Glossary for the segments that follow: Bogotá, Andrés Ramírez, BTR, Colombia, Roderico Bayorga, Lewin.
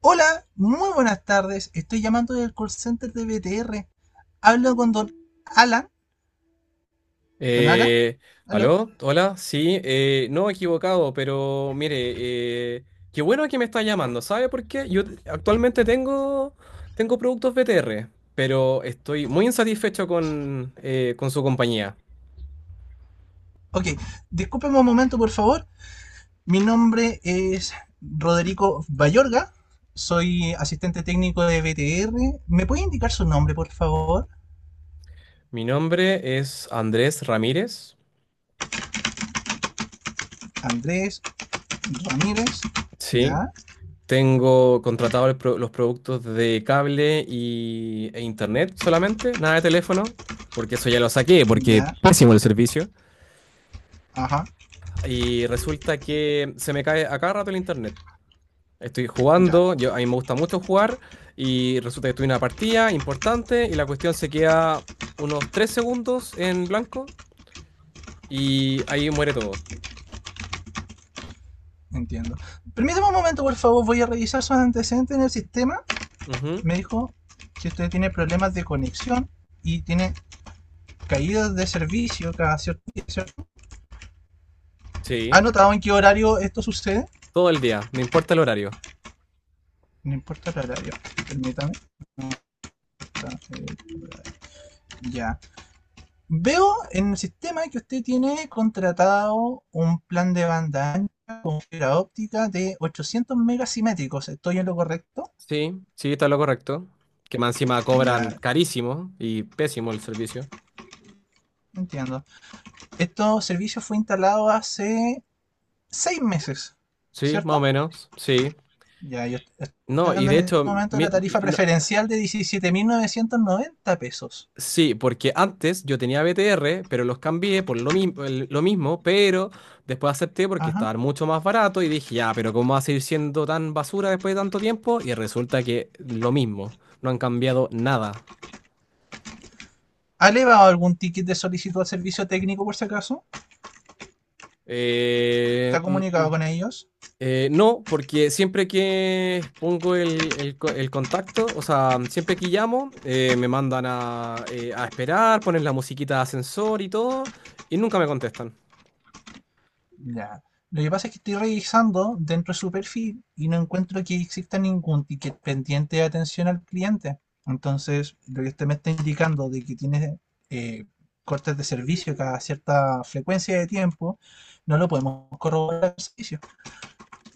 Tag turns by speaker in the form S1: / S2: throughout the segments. S1: Hola, muy buenas tardes. Estoy llamando del call center de BTR. Hablo con don Alan. ¿Don Alan?
S2: Eh,
S1: ¿Aló?
S2: ¿Aló? Hola, sí, no equivocado, pero mire, qué bueno que me está llamando, ¿sabe por qué? Actualmente tengo productos BTR, pero estoy muy insatisfecho con su compañía.
S1: Ok, discúlpeme un momento, por favor. Mi nombre es Roderico Bayorga. Soy asistente técnico de BTR. ¿Me puede indicar su nombre, por favor?
S2: Mi nombre es Andrés Ramírez,
S1: Andrés Ramírez.
S2: sí,
S1: Ya,
S2: tengo contratado los productos de cable e internet solamente, nada de teléfono, porque eso ya lo saqué, porque
S1: ya,
S2: pésimo el servicio.
S1: ajá,
S2: Y resulta que se me cae a cada rato el internet. Estoy
S1: ya.
S2: jugando, yo, a mí me gusta mucho jugar, y resulta que tuve una partida importante y la cuestión se queda unos 3 segundos en blanco y ahí muere todo.
S1: Entiendo. Permítame un momento, por favor. Voy a revisar sus antecedentes en el sistema,
S2: Ujú.
S1: me dijo, si usted tiene problemas de conexión y tiene caídas de servicio cada cierto día, ¿ha
S2: Sí,
S1: notado en qué horario esto sucede?
S2: todo el día, no importa el horario.
S1: No importa el horario, permítame. No. Ya. Veo en el sistema que usted tiene contratado un plan de banda ancha con fibra óptica de 800 megasimétricos. ¿Estoy en lo correcto?
S2: Sí, sí, está lo correcto. Que más encima
S1: Ya,
S2: cobran carísimo y pésimo el servicio.
S1: entiendo. Este servicio fue instalado hace 6 meses,
S2: Sí, más o
S1: ¿cierto?
S2: menos, sí.
S1: Ya, yo estoy
S2: No, y
S1: pagando
S2: de
S1: en este
S2: hecho,
S1: momento
S2: mi-
S1: la
S2: y
S1: tarifa
S2: no-
S1: preferencial de 17.990 pesos.
S2: sí, porque antes yo tenía BTR, pero los cambié por lo mismo, pero después acepté porque
S1: Ajá.
S2: estaban mucho más barato y dije, ya, pero ¿cómo va a seguir siendo tan basura después de tanto tiempo? Y resulta que lo mismo, no han cambiado nada.
S1: ¿Ha elevado algún ticket de solicitud al servicio técnico por si acaso? ¿Se
S2: Eh,
S1: ha
S2: mm,
S1: comunicado
S2: mm,
S1: con ellos?
S2: no, porque siempre que pongo el contacto, o sea, siempre que llamo, me mandan a esperar, ponen la musiquita de ascensor y todo, y nunca me contestan.
S1: Ya. Lo que pasa es que estoy revisando dentro de su perfil y no encuentro que exista ningún ticket pendiente de atención al cliente. Entonces, lo que usted me está indicando de que tiene eh, cortes de servicio cada cierta frecuencia de tiempo, no lo podemos corroborar al servicio.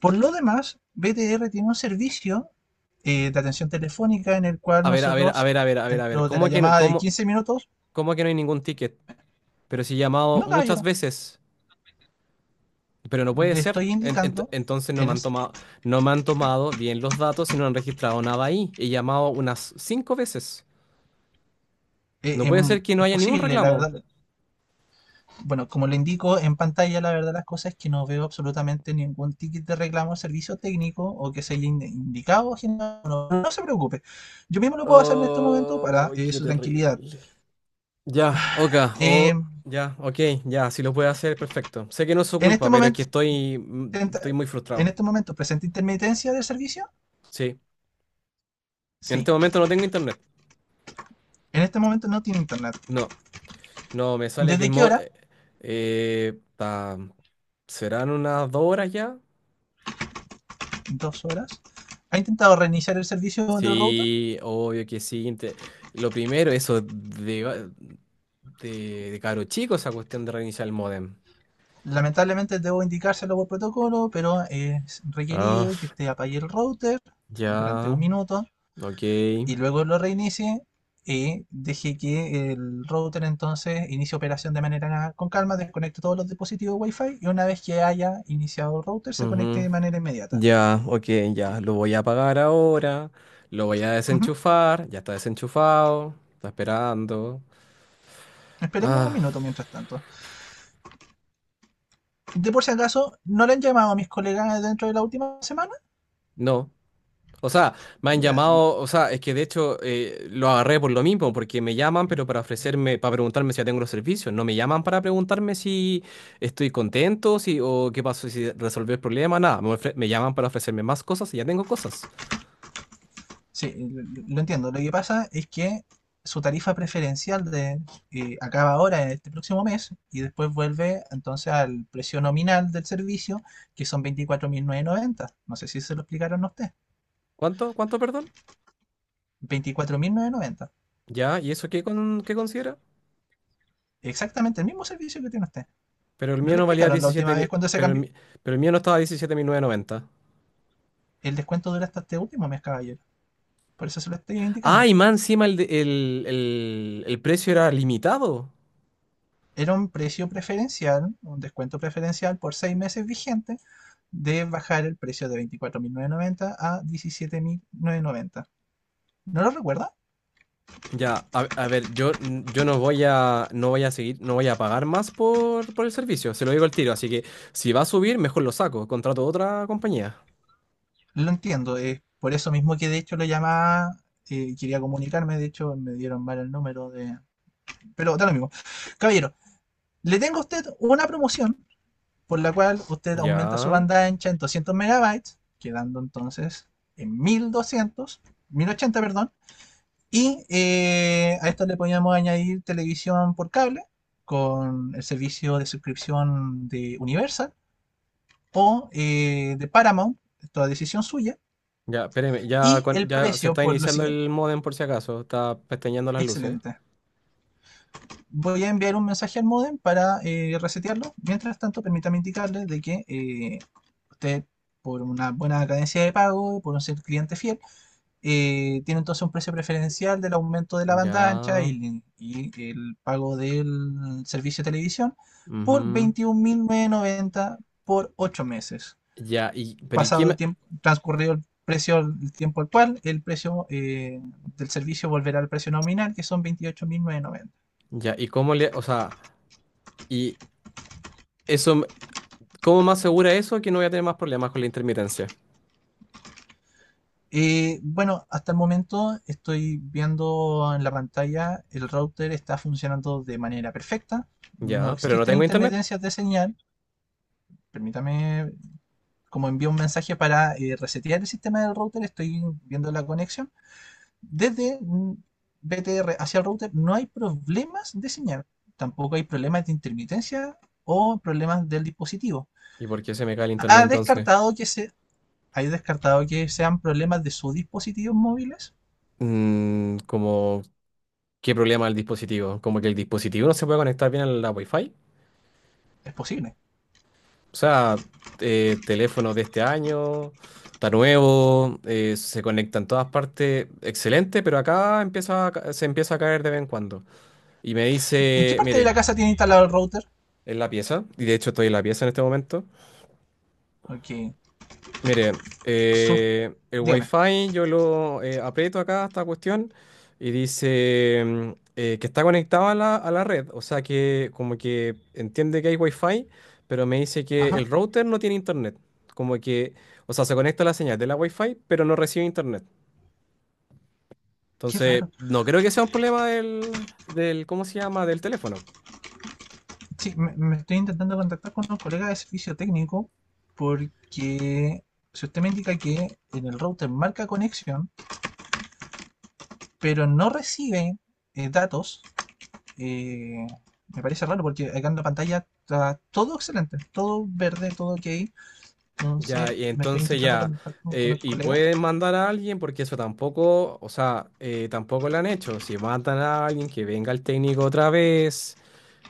S1: Por lo demás, BTR tiene un servicio de atención telefónica en el cual
S2: A ver, a ver, a
S1: nosotros,
S2: ver, a ver, a ver, a ver.
S1: dentro de la
S2: ¿Cómo que no?
S1: llamada de
S2: ¿Cómo?
S1: 15 minutos,
S2: ¿Cómo que no hay ningún ticket? Pero si he llamado
S1: no
S2: muchas
S1: caballero,
S2: veces, pero no puede
S1: le
S2: ser.
S1: estoy indicando,
S2: Entonces no
S1: en
S2: me
S1: el-
S2: han tomado, no me han tomado bien los datos y no han registrado nada ahí. He llamado unas cinco veces. No puede ser que no
S1: es
S2: haya ningún
S1: posible, la
S2: reclamo.
S1: verdad, bueno, como le indico en pantalla, la verdad las cosas es que no veo absolutamente ningún ticket de reclamo, servicio técnico o que se haya indicado, general. No, no, no se preocupe, yo mismo lo puedo hacer en este momento
S2: Oh,
S1: para
S2: qué
S1: su tranquilidad.
S2: terrible. Ya, oka,
S1: Eh,
S2: o ya, ok, ya, si lo puede hacer, perfecto. Sé que no es su
S1: en este
S2: culpa, pero es que
S1: momento,
S2: estoy,
S1: presenta-
S2: estoy muy
S1: en
S2: frustrado.
S1: este momento presenta intermitencia del servicio.
S2: Sí. En
S1: Sí,
S2: este momento no tengo internet.
S1: en este momento no tiene internet.
S2: No. No, me sale que
S1: ¿Desde qué hora?
S2: eh, ta- ¿serán unas dos horas ya?
S1: 2 horas. Ha intentado reiniciar el servicio del router.
S2: Sí, obvio que sí. Lo primero, eso de caro chico, esa cuestión de reiniciar el modem.
S1: Lamentablemente debo indicárselo por protocolo, pero es
S2: Ah,
S1: requerido que usted apague el router durante
S2: ya,
S1: un minuto
S2: ok.
S1: y luego lo reinicie y deje que el router entonces inicie operación de manera con calma, desconecte todos los dispositivos Wi-Fi y una vez que haya iniciado el router se conecte
S2: Ujú.
S1: de manera inmediata.
S2: Ya, ok, ya. Lo voy a apagar ahora. Lo voy a
S1: Ujú.
S2: desenchufar. Ya está desenchufado. Está esperando.
S1: Esperemos un
S2: Ah,
S1: minuto mientras tanto. De por si acaso, ¿no le han llamado a mis colegas dentro de la última semana?
S2: no. O sea, me han
S1: Ya,
S2: llamado, o sea, es que de hecho lo agarré por lo mismo, porque me llaman, pero para ofrecerme, para preguntarme si ya tengo los servicios. No me llaman para preguntarme si estoy contento, si, o qué pasó, si resolví el problema, nada. Me llaman para ofrecerme más cosas y ya tengo cosas.
S1: sí, lo entiendo. Lo que pasa es que su tarifa preferencial de, acaba ahora este próximo mes y después vuelve entonces al precio nominal del servicio, que son 24.990. No sé si se lo explicaron a usted.
S2: ¿Cuánto? ¿Cuánto, perdón?
S1: 24.990.
S2: Ya, ¿y eso qué, con, qué considera?
S1: Exactamente el mismo servicio que tiene usted.
S2: Pero el
S1: No
S2: mío
S1: le
S2: no valía
S1: explicaron la última
S2: 17
S1: vez
S2: mil,
S1: cuando se
S2: pero
S1: cambió.
S2: pero el mío no estaba 17.990.
S1: El descuento dura hasta este último mes, caballero. Por eso se lo estoy
S2: Ah,
S1: indicando.
S2: y más encima el, de- el precio era limitado.
S1: Era un precio preferencial, un descuento preferencial por 6 meses vigente de bajar el precio de 24.990 a 17.990. ¿No lo recuerda?
S2: Ya, a ver, yo no voy a, no voy a seguir, no voy a pagar más por el servicio, se lo digo al tiro, así que si va a subir, mejor lo saco, contrato otra compañía.
S1: Lo entiendo, es por eso mismo que de hecho le llamaba, quería comunicarme, de hecho me dieron mal el número de... Pero da lo mismo. Caballero, le tengo a usted una promoción por la cual usted aumenta
S2: Ya,
S1: su banda ancha en 200 megabytes, quedando entonces en 1200, 1080, perdón. Y a esto le podíamos añadir televisión por cable con el servicio de suscripción de Universal o de Paramount, toda decisión suya,
S2: ya, espéreme, ya,
S1: y el
S2: ya se
S1: precio
S2: está
S1: por lo
S2: iniciando
S1: siguiente.
S2: el modem por si acaso, está pestañeando las luces.
S1: Excelente. Voy a enviar un mensaje al módem para resetearlo. Mientras tanto, permítame indicarle de que usted, por una buena cadencia de pago, por un ser cliente fiel, tiene entonces un precio preferencial del aumento de la
S2: Ya,
S1: banda ancha y el pago del servicio de televisión por
S2: ujú.
S1: 21.990 por 8 meses.
S2: Ya, y, pero
S1: Pasado el tiempo, transcurrido el precio, el tiempo actual, el precio del servicio volverá al precio nominal, que son 28.990.
S2: ya, y cómo le, o sea, y eso, me- ¿cómo me asegura eso que no voy a tener más problemas con la intermitencia?
S1: Bueno, hasta el momento estoy viendo en la pantalla, el router está funcionando de manera perfecta, no
S2: Ya, pero no
S1: existen
S2: tengo internet.
S1: intermitencias de señal, permítame como envío un mensaje para resetear el sistema del router, estoy viendo la conexión, desde BTR hacia el router no hay problemas de señal, tampoco hay problemas de intermitencia o problemas del dispositivo.
S2: ¿Y por qué se me cae el internet
S1: Ha
S2: entonces?
S1: descartado que se, hay descartado que sean problemas de sus dispositivos móviles,
S2: Mm, como ¿Qué problema el dispositivo? Como que el dispositivo no se puede conectar bien a la Wi-Fi.
S1: es posible.
S2: O sea, teléfonos de este año, está nuevo, se conecta en todas partes, excelente, pero acá se empieza a caer de vez en cuando. Y me
S1: ¿En qué
S2: dice,
S1: parte de
S2: mire,
S1: la casa tiene instalado el router?
S2: en la pieza, y de hecho estoy en la pieza en este momento.
S1: Ok,
S2: Mire,
S1: Sub,
S2: el
S1: dígame.
S2: Wi-Fi yo lo aprieto acá, esta cuestión, y dice que está conectado a la red. O sea que como que entiende que hay Wi-Fi, pero me dice que el
S1: Ajá,
S2: router no tiene internet. Como que, o sea, se conecta a la señal de la Wi-Fi, pero no recibe internet.
S1: qué
S2: Entonces,
S1: raro.
S2: no creo que sea un problema ¿cómo se llama? Del teléfono.
S1: Sí, me estoy intentando contactar con un colega de servicio técnico porque si usted me indica que en el router marca conexión, pero no recibe datos, eh, me parece raro porque acá en la pantalla está todo excelente, todo verde, todo ok. Entonces
S2: Ya, y
S1: me estoy
S2: entonces
S1: intentando
S2: ya,
S1: contactar con el
S2: y
S1: colega.
S2: pueden mandar a alguien, porque eso tampoco, o sea, tampoco lo han hecho. Si mandan a alguien, que venga el técnico otra vez,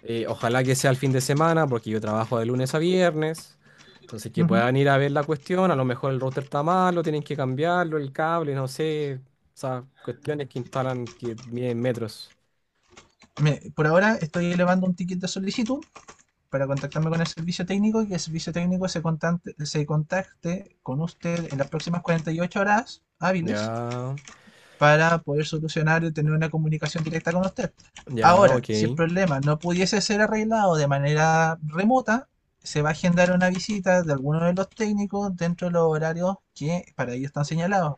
S2: ojalá que sea el fin de semana, porque yo trabajo de lunes a viernes. Entonces, que
S1: Ujú.
S2: puedan ir a ver la cuestión, a lo mejor el router está malo, tienen que cambiarlo, el cable, no sé, o sea, cuestiones que instalan que miden metros.
S1: Por ahora estoy elevando un ticket de solicitud para contactarme con el servicio técnico y que el servicio técnico se contacte con usted en las próximas 48 horas hábiles
S2: Ya,
S1: para poder solucionar y tener una comunicación directa con usted.
S2: ya,
S1: Ahora,
S2: ok.
S1: si el problema no pudiese ser arreglado de manera remota, se va a agendar una visita de alguno de los técnicos dentro de los horarios que para ellos están señalados.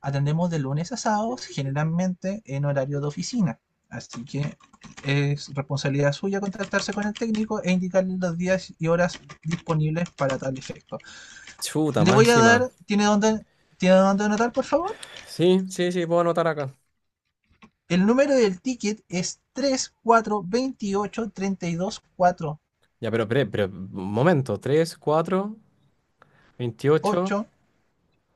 S1: Atendemos de lunes a sábados, generalmente en horario de oficina. Así que es responsabilidad suya contactarse con el técnico e indicarle los días y horas disponibles para tal efecto.
S2: Chuta,
S1: Le
S2: más
S1: voy a
S2: encima.
S1: dar, ¿tiene dónde anotar, por favor?
S2: Sí, sí, sí, puedo anotar acá.
S1: El número del ticket es tres cuatro veintiocho treinta y dos cuatro
S2: Ya, pero, un momento, 3, 4, 28,
S1: ocho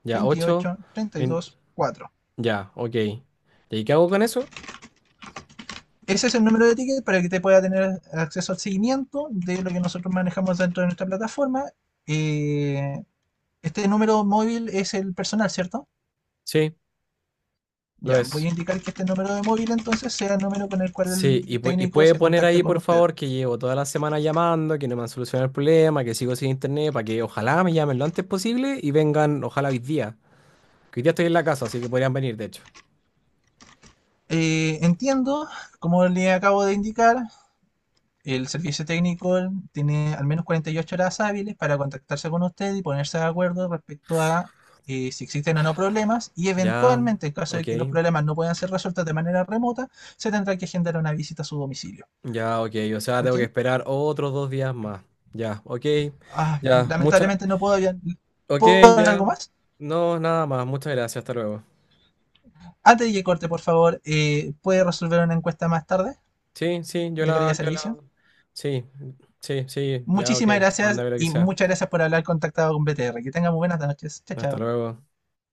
S2: ya, 8,
S1: veintiocho treinta y dos cuatro.
S2: ya, ok. ¿Y ahí qué hago con eso?
S1: Ese es el número de ticket para que te pueda tener acceso al seguimiento de lo que nosotros manejamos dentro de nuestra plataforma. Eh, este número móvil es el personal, ¿cierto?
S2: Sí, lo
S1: Ya, voy a
S2: es.
S1: indicar que este número de móvil entonces sea el número con el cual
S2: Sí, y,
S1: el
S2: y
S1: técnico
S2: puede
S1: se
S2: poner
S1: contacte
S2: ahí,
S1: con
S2: por
S1: usted.
S2: favor, que llevo toda la semana llamando, que no me han solucionado el problema, que sigo sin internet, para que ojalá me llamen lo antes posible y vengan, ojalá hoy día. Que hoy día estoy en la casa, así que podrían venir, de hecho.
S1: Entiendo, como le acabo de indicar, el servicio técnico tiene al menos 48 horas hábiles para contactarse con usted y ponerse de acuerdo respecto a si existen o no problemas y
S2: Ya,
S1: eventualmente, en caso
S2: ok,
S1: de que los problemas no puedan ser resueltos de manera remota, se tendrá que agendar una visita a su domicilio.
S2: ya, ok. O sea,
S1: ¿Ok?
S2: tengo que esperar otros dos días más. Ya, ok,
S1: Ah,
S2: ya, muchas,
S1: lamentablemente no puedo hablar.
S2: ok,
S1: ¿Puedo hablar
S2: ya.
S1: algo más?
S2: No, nada más. Muchas gracias. Hasta luego.
S1: Antes de que corte, por favor, ¿puede resolver una encuesta más tarde
S2: Sí, sí,
S1: de calidad de
S2: yo la.
S1: servicio?
S2: Sí, sí, sí, ya, ok.
S1: Muchísimas gracias
S2: Mándame lo que
S1: y
S2: sea.
S1: muchas gracias por haber contactado con BTR. Que tengan muy buenas noches. Chao,
S2: Hasta
S1: chao.
S2: luego.